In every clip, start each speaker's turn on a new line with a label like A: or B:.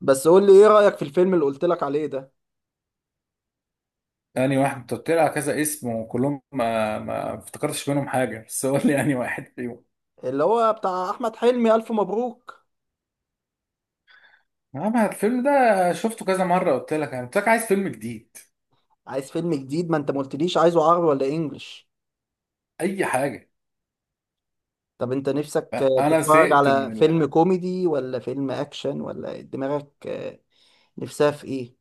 A: بس قول لي ايه رأيك في الفيلم اللي قلت لك عليه ده؟
B: يعني واحد، انت قلت لي على كذا اسم وكلهم ما افتكرتش منهم حاجه، بس قول لي يعني واحد فيهم.
A: اللي هو بتاع احمد حلمي، الف مبروك.
B: اما الفيلم ده شفته كذا مره، قلت لك انا قلت لك عايز فيلم جديد.
A: عايز فيلم جديد. ما انت ما قلتليش عايزه عربي ولا انجليش.
B: اي حاجه.
A: طب انت نفسك
B: انا
A: تتفرج
B: زهقت
A: على
B: من
A: فيلم كوميدي ولا فيلم اكشن ولا دماغك نفسها في ايه؟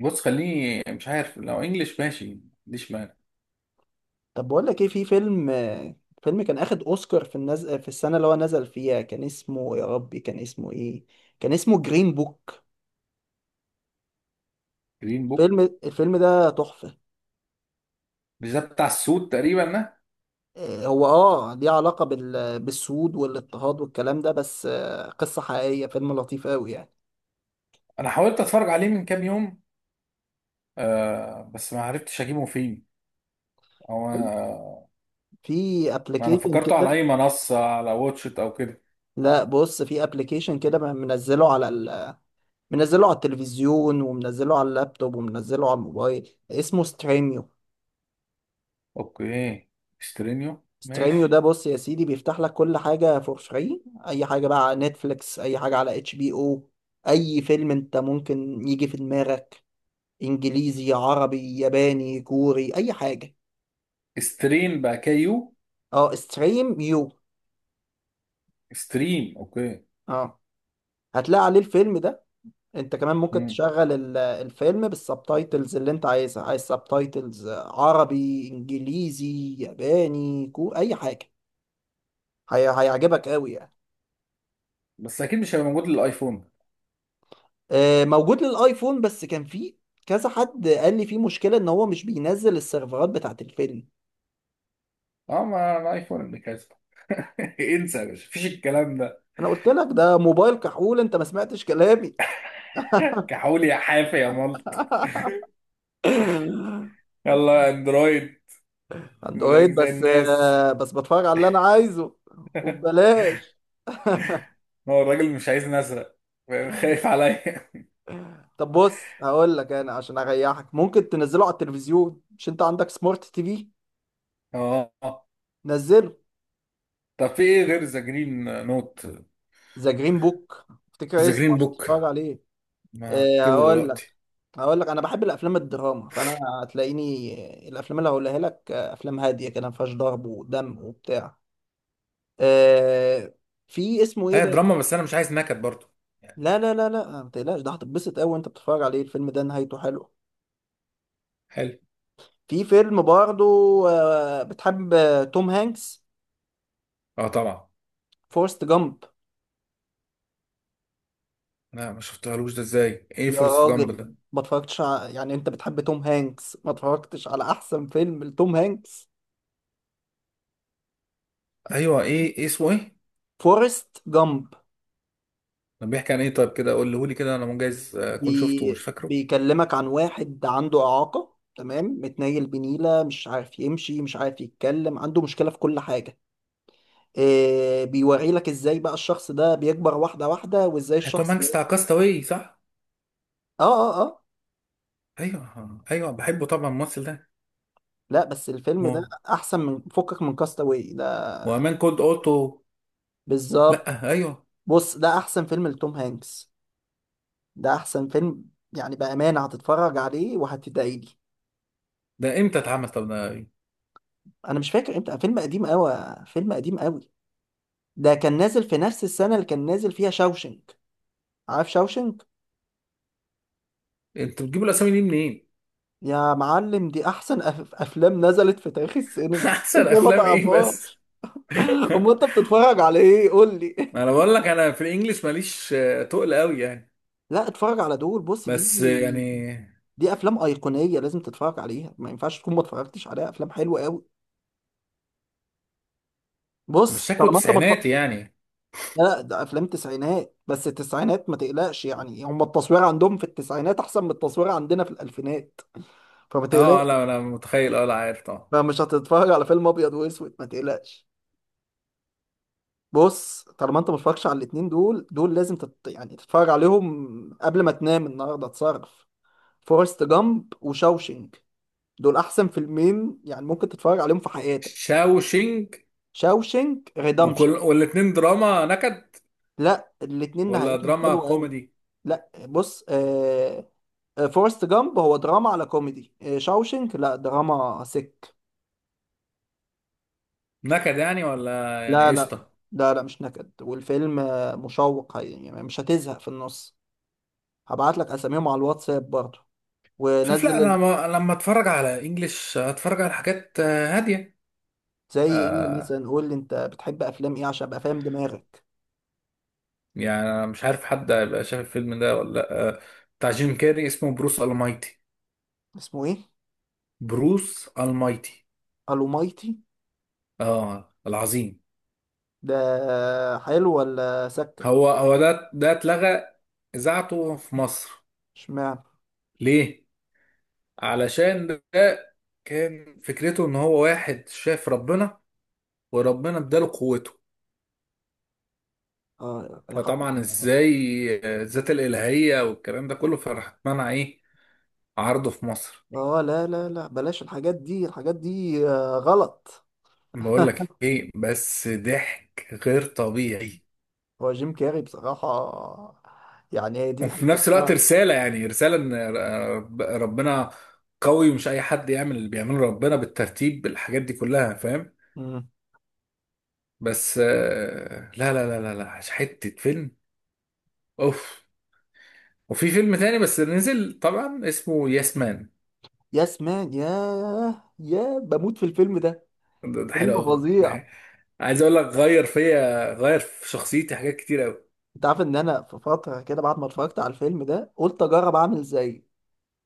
B: بص خليني مش عارف، لو انجليش ماشي ما عنديش مانع.
A: طب بقول لك ايه، في فيلم فيلم كان اخد اوسكار في السنة اللي هو نزل فيها. كان اسمه يا ربي، كان اسمه ايه، كان اسمه جرين بوك.
B: جرين بوك.
A: الفيلم ده تحفة.
B: مش ده بتاع السود تقريبا ده؟
A: هو ليه علاقة بالسود والاضطهاد والكلام ده، بس قصة حقيقية، فيلم لطيف قوي يعني.
B: انا حاولت اتفرج عليه من كام يوم، آه بس ما عرفتش اجيبه فين. او انا،
A: في
B: ما انا
A: ابلكيشن
B: فكرته على
A: كده.
B: اي منصه على واتش إت او كده.
A: لا بص، في ابلكيشن كده منزله منزله على التلفزيون ومنزله على اللابتوب ومنزله على الموبايل، اسمه ستريميو.
B: اوكي. استرينيو
A: ستريميو ده
B: ماشي.
A: بص يا سيدي، بيفتح لك كل حاجة فور فري، اي حاجة بقى على نتفليكس، اي حاجة على اتش بي او، اي فيلم انت ممكن يجي في دماغك، انجليزي عربي ياباني كوري اي حاجة.
B: ستريم بقى كيو.
A: اه ستريم يو.
B: ستريم اوكي.
A: اه هتلاقي عليه الفيلم ده. انت كمان ممكن
B: مم.
A: تشغل الفيلم بالسبتايتلز اللي انت عايزها. عايز سبتايتلز عربي انجليزي ياباني اي حاجه. هيعجبك قوي يعني.
B: بس اكيد مش هيبقى موجود للايفون.
A: موجود للايفون، بس كان فيه كذا حد قال لي فيه مشكله ان هو مش بينزل السيرفرات بتاعت الفيلم.
B: اه ما الايفون اللي كاسب. انسى يا باشا، مفيش الكلام ده.
A: انا قلت لك ده موبايل كحول، انت ما سمعتش كلامي.
B: كحول يا حافي يا ملط. يلا اندرويد. زيك
A: اندرويد،
B: زي
A: بس
B: الناس.
A: بس بتفرج على اللي انا عايزه، وببلاش.
B: هو الراجل مش عايزني اسرق فاهم؟ خايف عليا.
A: طب بص، هقول لك انا عشان اريحك، ممكن تنزله على التلفزيون، مش انت عندك سمارت تي في؟
B: اه،
A: نزله.
B: طب في ايه غير ذا جرين نوت؟
A: ذا جرين بوك افتكر
B: ذا
A: اسمه،
B: جرين
A: عشان تتفرج
B: بوك.
A: عليه.
B: ما اكتبه
A: هقول لك،
B: دلوقتي.
A: هقول لك انا بحب الافلام الدراما، فانا هتلاقيني الافلام اللي هقولها لك افلام هاديه كده ما فيهاش ضرب ودم وبتاع. إيه، في اسمه ايه
B: هي
A: ده؟
B: دراما بس انا مش عايز نكد برضو يعني.
A: لا لا لا لا، ما تقلقش، ده هتتبسط قوي وانت بتتفرج عليه، الفيلم ده نهايته حلوه.
B: حلو.
A: في فيلم برضه، بتحب توم هانكس؟
B: اه طبعا.
A: فورست جامب.
B: لا ما شفتهالوش ده، ازاي ايه
A: يا
B: فورست جامب
A: راجل
B: ده؟
A: ما يعني انت بتحب توم هانكس، ما اتفرجتش على احسن فيلم لتوم هانكس؟
B: ايوه، ايه ايه اسمه ايه.
A: فورست جامب.
B: كان بيحكي عن ايه طيب؟ كده قوله لي كده، انا مجاز اكون شفته ومش فاكره.
A: بيكلمك عن واحد عنده اعاقة تمام، متنيل بنيلة، مش عارف يمشي، مش عارف يتكلم، عنده مشكلة في كل حاجة. بيوري لك ازاي بقى الشخص ده بيكبر واحدة واحدة، وازاي
B: هي توم
A: الشخص
B: هانكس بتاع
A: ده.
B: كاستاوي صح؟
A: اه، اه، اه.
B: ايوه ايوه بحبه طبعا الممثل ده.
A: لا بس الفيلم ده
B: هو
A: احسن من فكك من كاستاوي ده.
B: وامان كولد اوتو.
A: بالظبط.
B: لا ايوه.
A: بص ده احسن فيلم لتوم هانكس، ده احسن فيلم. يعني بامانه هتتفرج عليه وهتدعي لي.
B: ده امتى اتعمل طب ده؟
A: انا مش فاكر امتى، فيلم قديم قوي، فيلم قديم قوي. ده كان نازل في نفس السنه اللي كان نازل فيها شاوشنك. عارف شاوشنك؟
B: انتوا بتجيبوا الاسامي دي منين؟
A: يا معلم، دي احسن افلام نزلت في تاريخ السينما.
B: احسن
A: انت ما
B: افلام ايه بس.
A: تعرفهاش؟ امال انت بتتفرج على ايه قول لي.
B: انا بقول لك، انا في الانجليش ماليش تقل قوي يعني.
A: لا اتفرج على دول، بص، دي
B: بس يعني،
A: دي افلام ايقونيه لازم تتفرج عليها، ما ينفعش تكون ما اتفرجتش عليها، افلام حلوه قوي.
B: مش
A: بص
B: شكله
A: طالما انت ما اتفرج-.
B: تسعيناتي يعني؟
A: لا لا، ده افلام تسعينات، بس التسعينات ما تقلقش يعني، هم التصوير عندهم في التسعينات احسن من التصوير عندنا في الالفينات. فما
B: اه
A: تقلقش،
B: لا انا متخيل، اه لا عارف طبعا.
A: فمش هتتفرج على فيلم ابيض واسود، ما تقلقش. بص طالما انت ما اتفرجتش على الاتنين دول، دول لازم يعني تتفرج عليهم قبل ما تنام النهارده، تصرف. فورست جامب وشاوشينج، دول احسن فيلمين يعني ممكن تتفرج عليهم في حياتك.
B: شاوشينج.
A: شاوشينج
B: وكل
A: ريدمشن.
B: والاتنين دراما نكد
A: لا الاتنين
B: ولا
A: نهايتهم
B: دراما
A: حلوه قوي.
B: كوميدي؟
A: لا بص فورست جامب هو دراما على كوميدي، شاوشنك لا دراما سك.
B: نكد يعني ولا يعني
A: لا لا
B: قشطه؟
A: لا لا، مش نكد، والفيلم مشوق، يعني مش هتزهق في النص. هبعت لك اساميهم على الواتساب برضه،
B: شايف، لا
A: ونزل
B: انا
A: ال-.
B: ما- لما اتفرج على انجليش اتفرج على حاجات هاديه.
A: زي ايه
B: آه،
A: مثلا؟ قول لي انت بتحب افلام ايه عشان ابقى فاهم دماغك.
B: يعني انا مش عارف حد هيبقى شايف الفيلم ده ولا لا. بتاع جيم كاري اسمه بروس المايتي.
A: اسمه ايه؟
B: بروس المايتي.
A: الومايتي؟
B: اه العظيم.
A: ده حلو ولا سكة؟
B: هو هو ده اتلغى اذاعته في مصر.
A: اشمعنى؟
B: ليه؟ علشان ده كان فكرته ان هو واحد شاف ربنا، وربنا اداله قوته،
A: اه يا حب.
B: فطبعا ازاي الذات الالهيه والكلام ده كله، فراح اتمنع ايه، عرضه في مصر.
A: اه لا لا لا، بلاش الحاجات دي، الحاجات دي غلط.
B: بقول لك ايه؟ بس ضحك غير طبيعي.
A: هو جيم كاري بصراحة، يعني هي دي
B: وفي
A: الحتة
B: نفس الوقت
A: بتاعته.
B: رساله، يعني رساله ان ربنا قوي، ومش اي حد يعمل اللي بيعمله ربنا بالترتيب بالحاجات دي كلها فاهم.
A: مم.
B: بس لا لا لا لا لا، حته فيلم. اوف. وفي فيلم تاني بس نزل طبعا اسمه ياسمان.
A: يا سمان، يا بموت في الفيلم ده.
B: ده
A: فيلم
B: حلو قوي، ده
A: فظيع.
B: حلو. عايز اقول لك، غير فيا، غير في شخصيتي حاجات كتير قوي.
A: انت عارف ان انا في فترة كده بعد ما اتفرجت على الفيلم ده قلت اجرب اعمل زيه،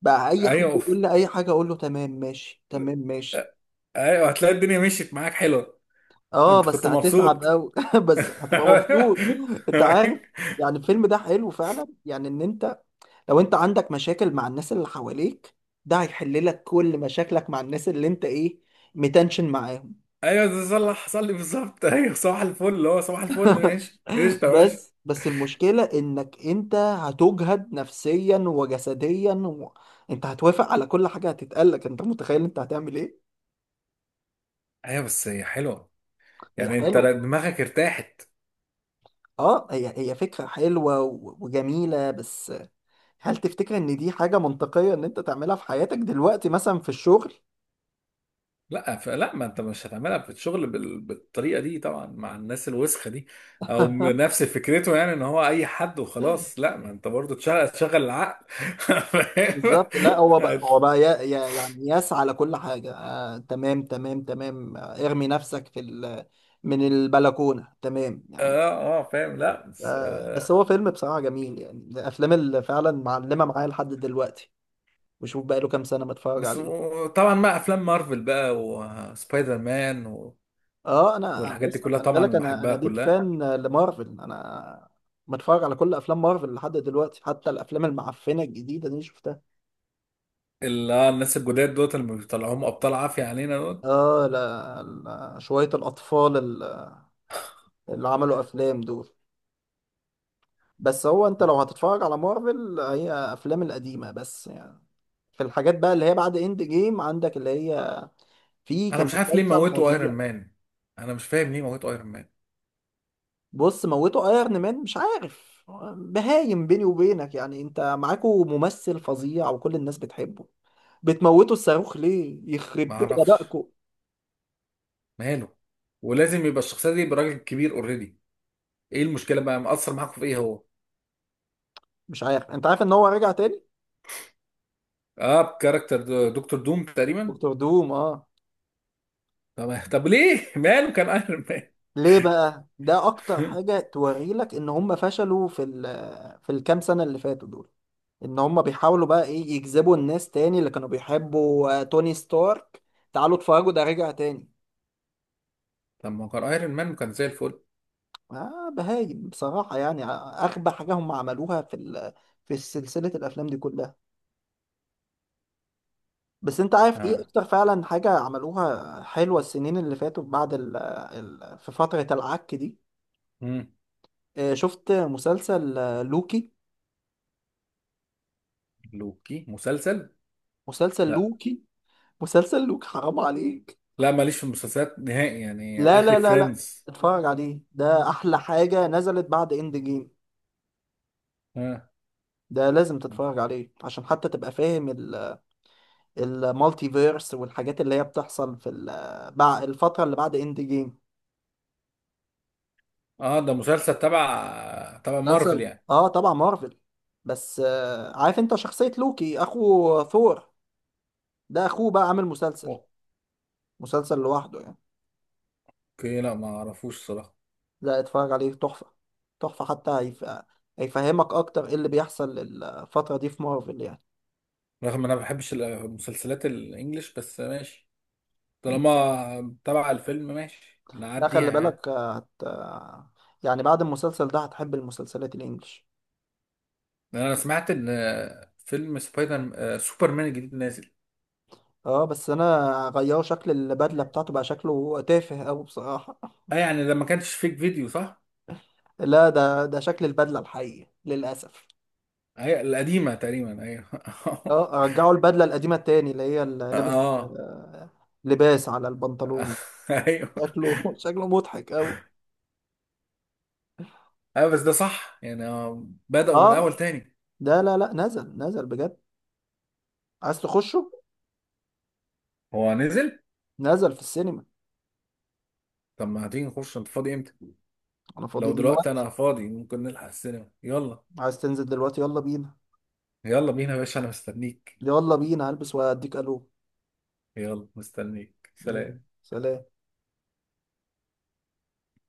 A: بقى اي
B: ايوه
A: حد
B: اوف.
A: يقول لي اي حاجة اقول له تمام ماشي، تمام ماشي.
B: ايوه، هتلاقي الدنيا مشيت معاك حلوه.
A: اه
B: انت
A: بس
B: كنت
A: هتتعب
B: مبسوط؟
A: قوي بس هتبقى مبسوط. انت عارف، يعني الفيلم ده حلو فعلا، يعني ان انت لو انت عندك مشاكل مع الناس اللي حواليك، ده هيحل لك كل مشاكلك مع الناس اللي انت ايه، متنشن معاهم.
B: ايوه، ده صلح حصل لي بالظبط. ايوه صباح الفل، اللي هو صباح الفل ماشي قشطه ماشي.
A: بس المشكلة انك انت هتجهد نفسيا وجسديا و... انت هتوافق على كل حاجة هتتقالك، انت متخيل انت هتعمل ايه؟
B: ايوه بس هي حلوه،
A: هي
B: يعني انت
A: حلوة،
B: دماغك ارتاحت.
A: اه هي فكرة حلوة وجميلة بس هل تفتكر ان دي حاجة منطقية ان انت تعملها في حياتك دلوقتي، مثلا في الشغل؟
B: لا فلا، ما انت مش هتعملها في الشغل بالطريقه دي طبعا مع الناس الوسخه دي. او نفس فكرته، يعني ان هو اي حد وخلاص، لا ما انت برضو تشغل تشغل العقل.
A: بالظبط. لا هو بقى،
B: فاهم.
A: هو بقى يعني يسعى على كل حاجة، آه تمام تمام تمام، ارمي نفسك في ال من البلكونة، تمام يعني.
B: اه اه فاهم، لا
A: آه بس هو فيلم بصراحة جميل، يعني من الأفلام اللي فعلا معلمة معايا لحد دلوقتي، وشوف بقى له كام سنة بتفرج عليه.
B: طبعا مع افلام مارفل بقى وسبايدر مان
A: اه انا
B: والحاجات دي
A: بص
B: كلها
A: خلي بالك،
B: طبعا
A: انا
B: بحبها
A: انا بيك
B: كلها.
A: فان لمارفل، انا بتفرج على كل افلام مارفل لحد دلوقتي، حتى الافلام المعفنة الجديدة دي شفتها.
B: اللي الناس الجداد دوت اللي بيطلعوهم ابطال عافيه علينا دوت.
A: اه لا, لا شوية الاطفال اللي عملوا افلام دول. بس هو انت لو هتتفرج على مارفل، هي افلام القديمه بس يعني، في الحاجات بقى اللي هي بعد اند جيم عندك اللي هي، في
B: انا
A: كان
B: مش عارف ليه
A: مسلسل
B: موتوا ايرون
A: فظيع.
B: مان، انا مش فاهم ليه موتوا ايرون مان.
A: بص موتوا ايرون مان مش عارف، بهايم بيني وبينك يعني، انت معاكوا ممثل فظيع وكل الناس بتحبه، بتموتوا الصاروخ ليه؟
B: ما
A: يخرب بيت
B: اعرفش
A: غبائكم.
B: ماله، ولازم يبقى الشخصيه دي يبقى راجل كبير اوريدي، ايه المشكله بقى مأثر معاكم في ايه هو؟
A: مش عارف. انت عارف ان هو رجع تاني،
B: اه بكاركتر دكتور دوم تقريبا.
A: دكتور دوم، اه.
B: طب ليه ماله كان ايرون مان.
A: ليه بقى؟ ده اكتر حاجه توري لك ان هم فشلوا في الكام سنه اللي فاتوا دول، ان هم بيحاولوا بقى ايه، يجذبوا الناس تاني اللي كانوا بيحبوا توني ستارك، تعالوا اتفرجوا ده رجع تاني.
B: طب ما هو كان ايرون مان وكان زي الفل.
A: آه بهايم بصراحة يعني، أغبى حاجة هم عملوها في سلسلة الأفلام دي كلها. بس أنت عارف إيه
B: اه.
A: أكتر فعلا حاجة عملوها حلوة السنين اللي فاتوا بعد في فترة العك دي؟
B: مم.
A: شفت مسلسل لوكي؟
B: لوكي مسلسل؟
A: مسلسل
B: لا.
A: لوكي. مسلسل لوكي حرام عليك.
B: لا ماليش في المسلسلات نهائي، يعني
A: لا
B: اخري
A: لا لا لا،
B: فريندز.
A: اتفرج عليه، ده أحلى حاجة نزلت بعد إند جيم.
B: اه.
A: ده لازم تتفرج عليه عشان حتى تبقى فاهم المالتي فيرس والحاجات اللي هي بتحصل في الفترة اللي بعد اند جيم.
B: اه ده مسلسل تبع مارفل
A: مسلسل،
B: يعني.
A: اه طبعا مارفل. بس عارف انت شخصية لوكي اخو ثور، ده اخوه بقى عامل مسلسل، مسلسل لوحده يعني.
B: اوكي لا، ما اعرفوش صراحه.
A: لا اتفرج عليه تحفة، تحفة، حتى هيفهمك اكتر ايه اللي بيحصل الفترة دي في مارفل يعني.
B: رغم ان انا ما بحبش المسلسلات الانجليش، بس ماشي، طالما تبع الفيلم ماشي
A: لا خلي
B: نعديها يعني.
A: بالك آه، هت... آه، يعني بعد المسلسل ده هتحب المسلسلات الانجليش.
B: لأن انا سمعت ان فيلم سبايدر سوبرمان الجديد نازل.
A: اه بس انا غيروا شكل البدله بتاعته، بقى شكله تافه قوي بصراحه.
B: اه يعني ده ما كانش فيك فيديو صح؟
A: لا ده شكل البدله الحقيقي للاسف.
B: اي القديمه تقريبا، ايوه.
A: اه رجعوا البدله القديمه تاني، اللي هي اللي لابس
B: اه.
A: آه، لباس على البنطلون،
B: ايوه.
A: شكله شكله مضحك قوي.
B: ايوه بس ده صح يعني، بدأوا من الاول
A: اه
B: تاني.
A: ده، لا لا، نزل نزل بجد، عايز تخشه؟
B: هو نزل؟
A: نزل في السينما.
B: طب ما هتيجي نخش، انت فاضي امتى؟
A: انا فاضي
B: لو دلوقتي
A: دلوقتي.
B: انا فاضي ممكن نلحق السينما، يلا.
A: عايز تنزل دلوقتي؟ يلا بينا.
B: يلا بينا يا باشا، انا مستنيك.
A: يلا بينا هلبس واديك الو.
B: يلا مستنيك،
A: يلا.
B: سلام.
A: سلام.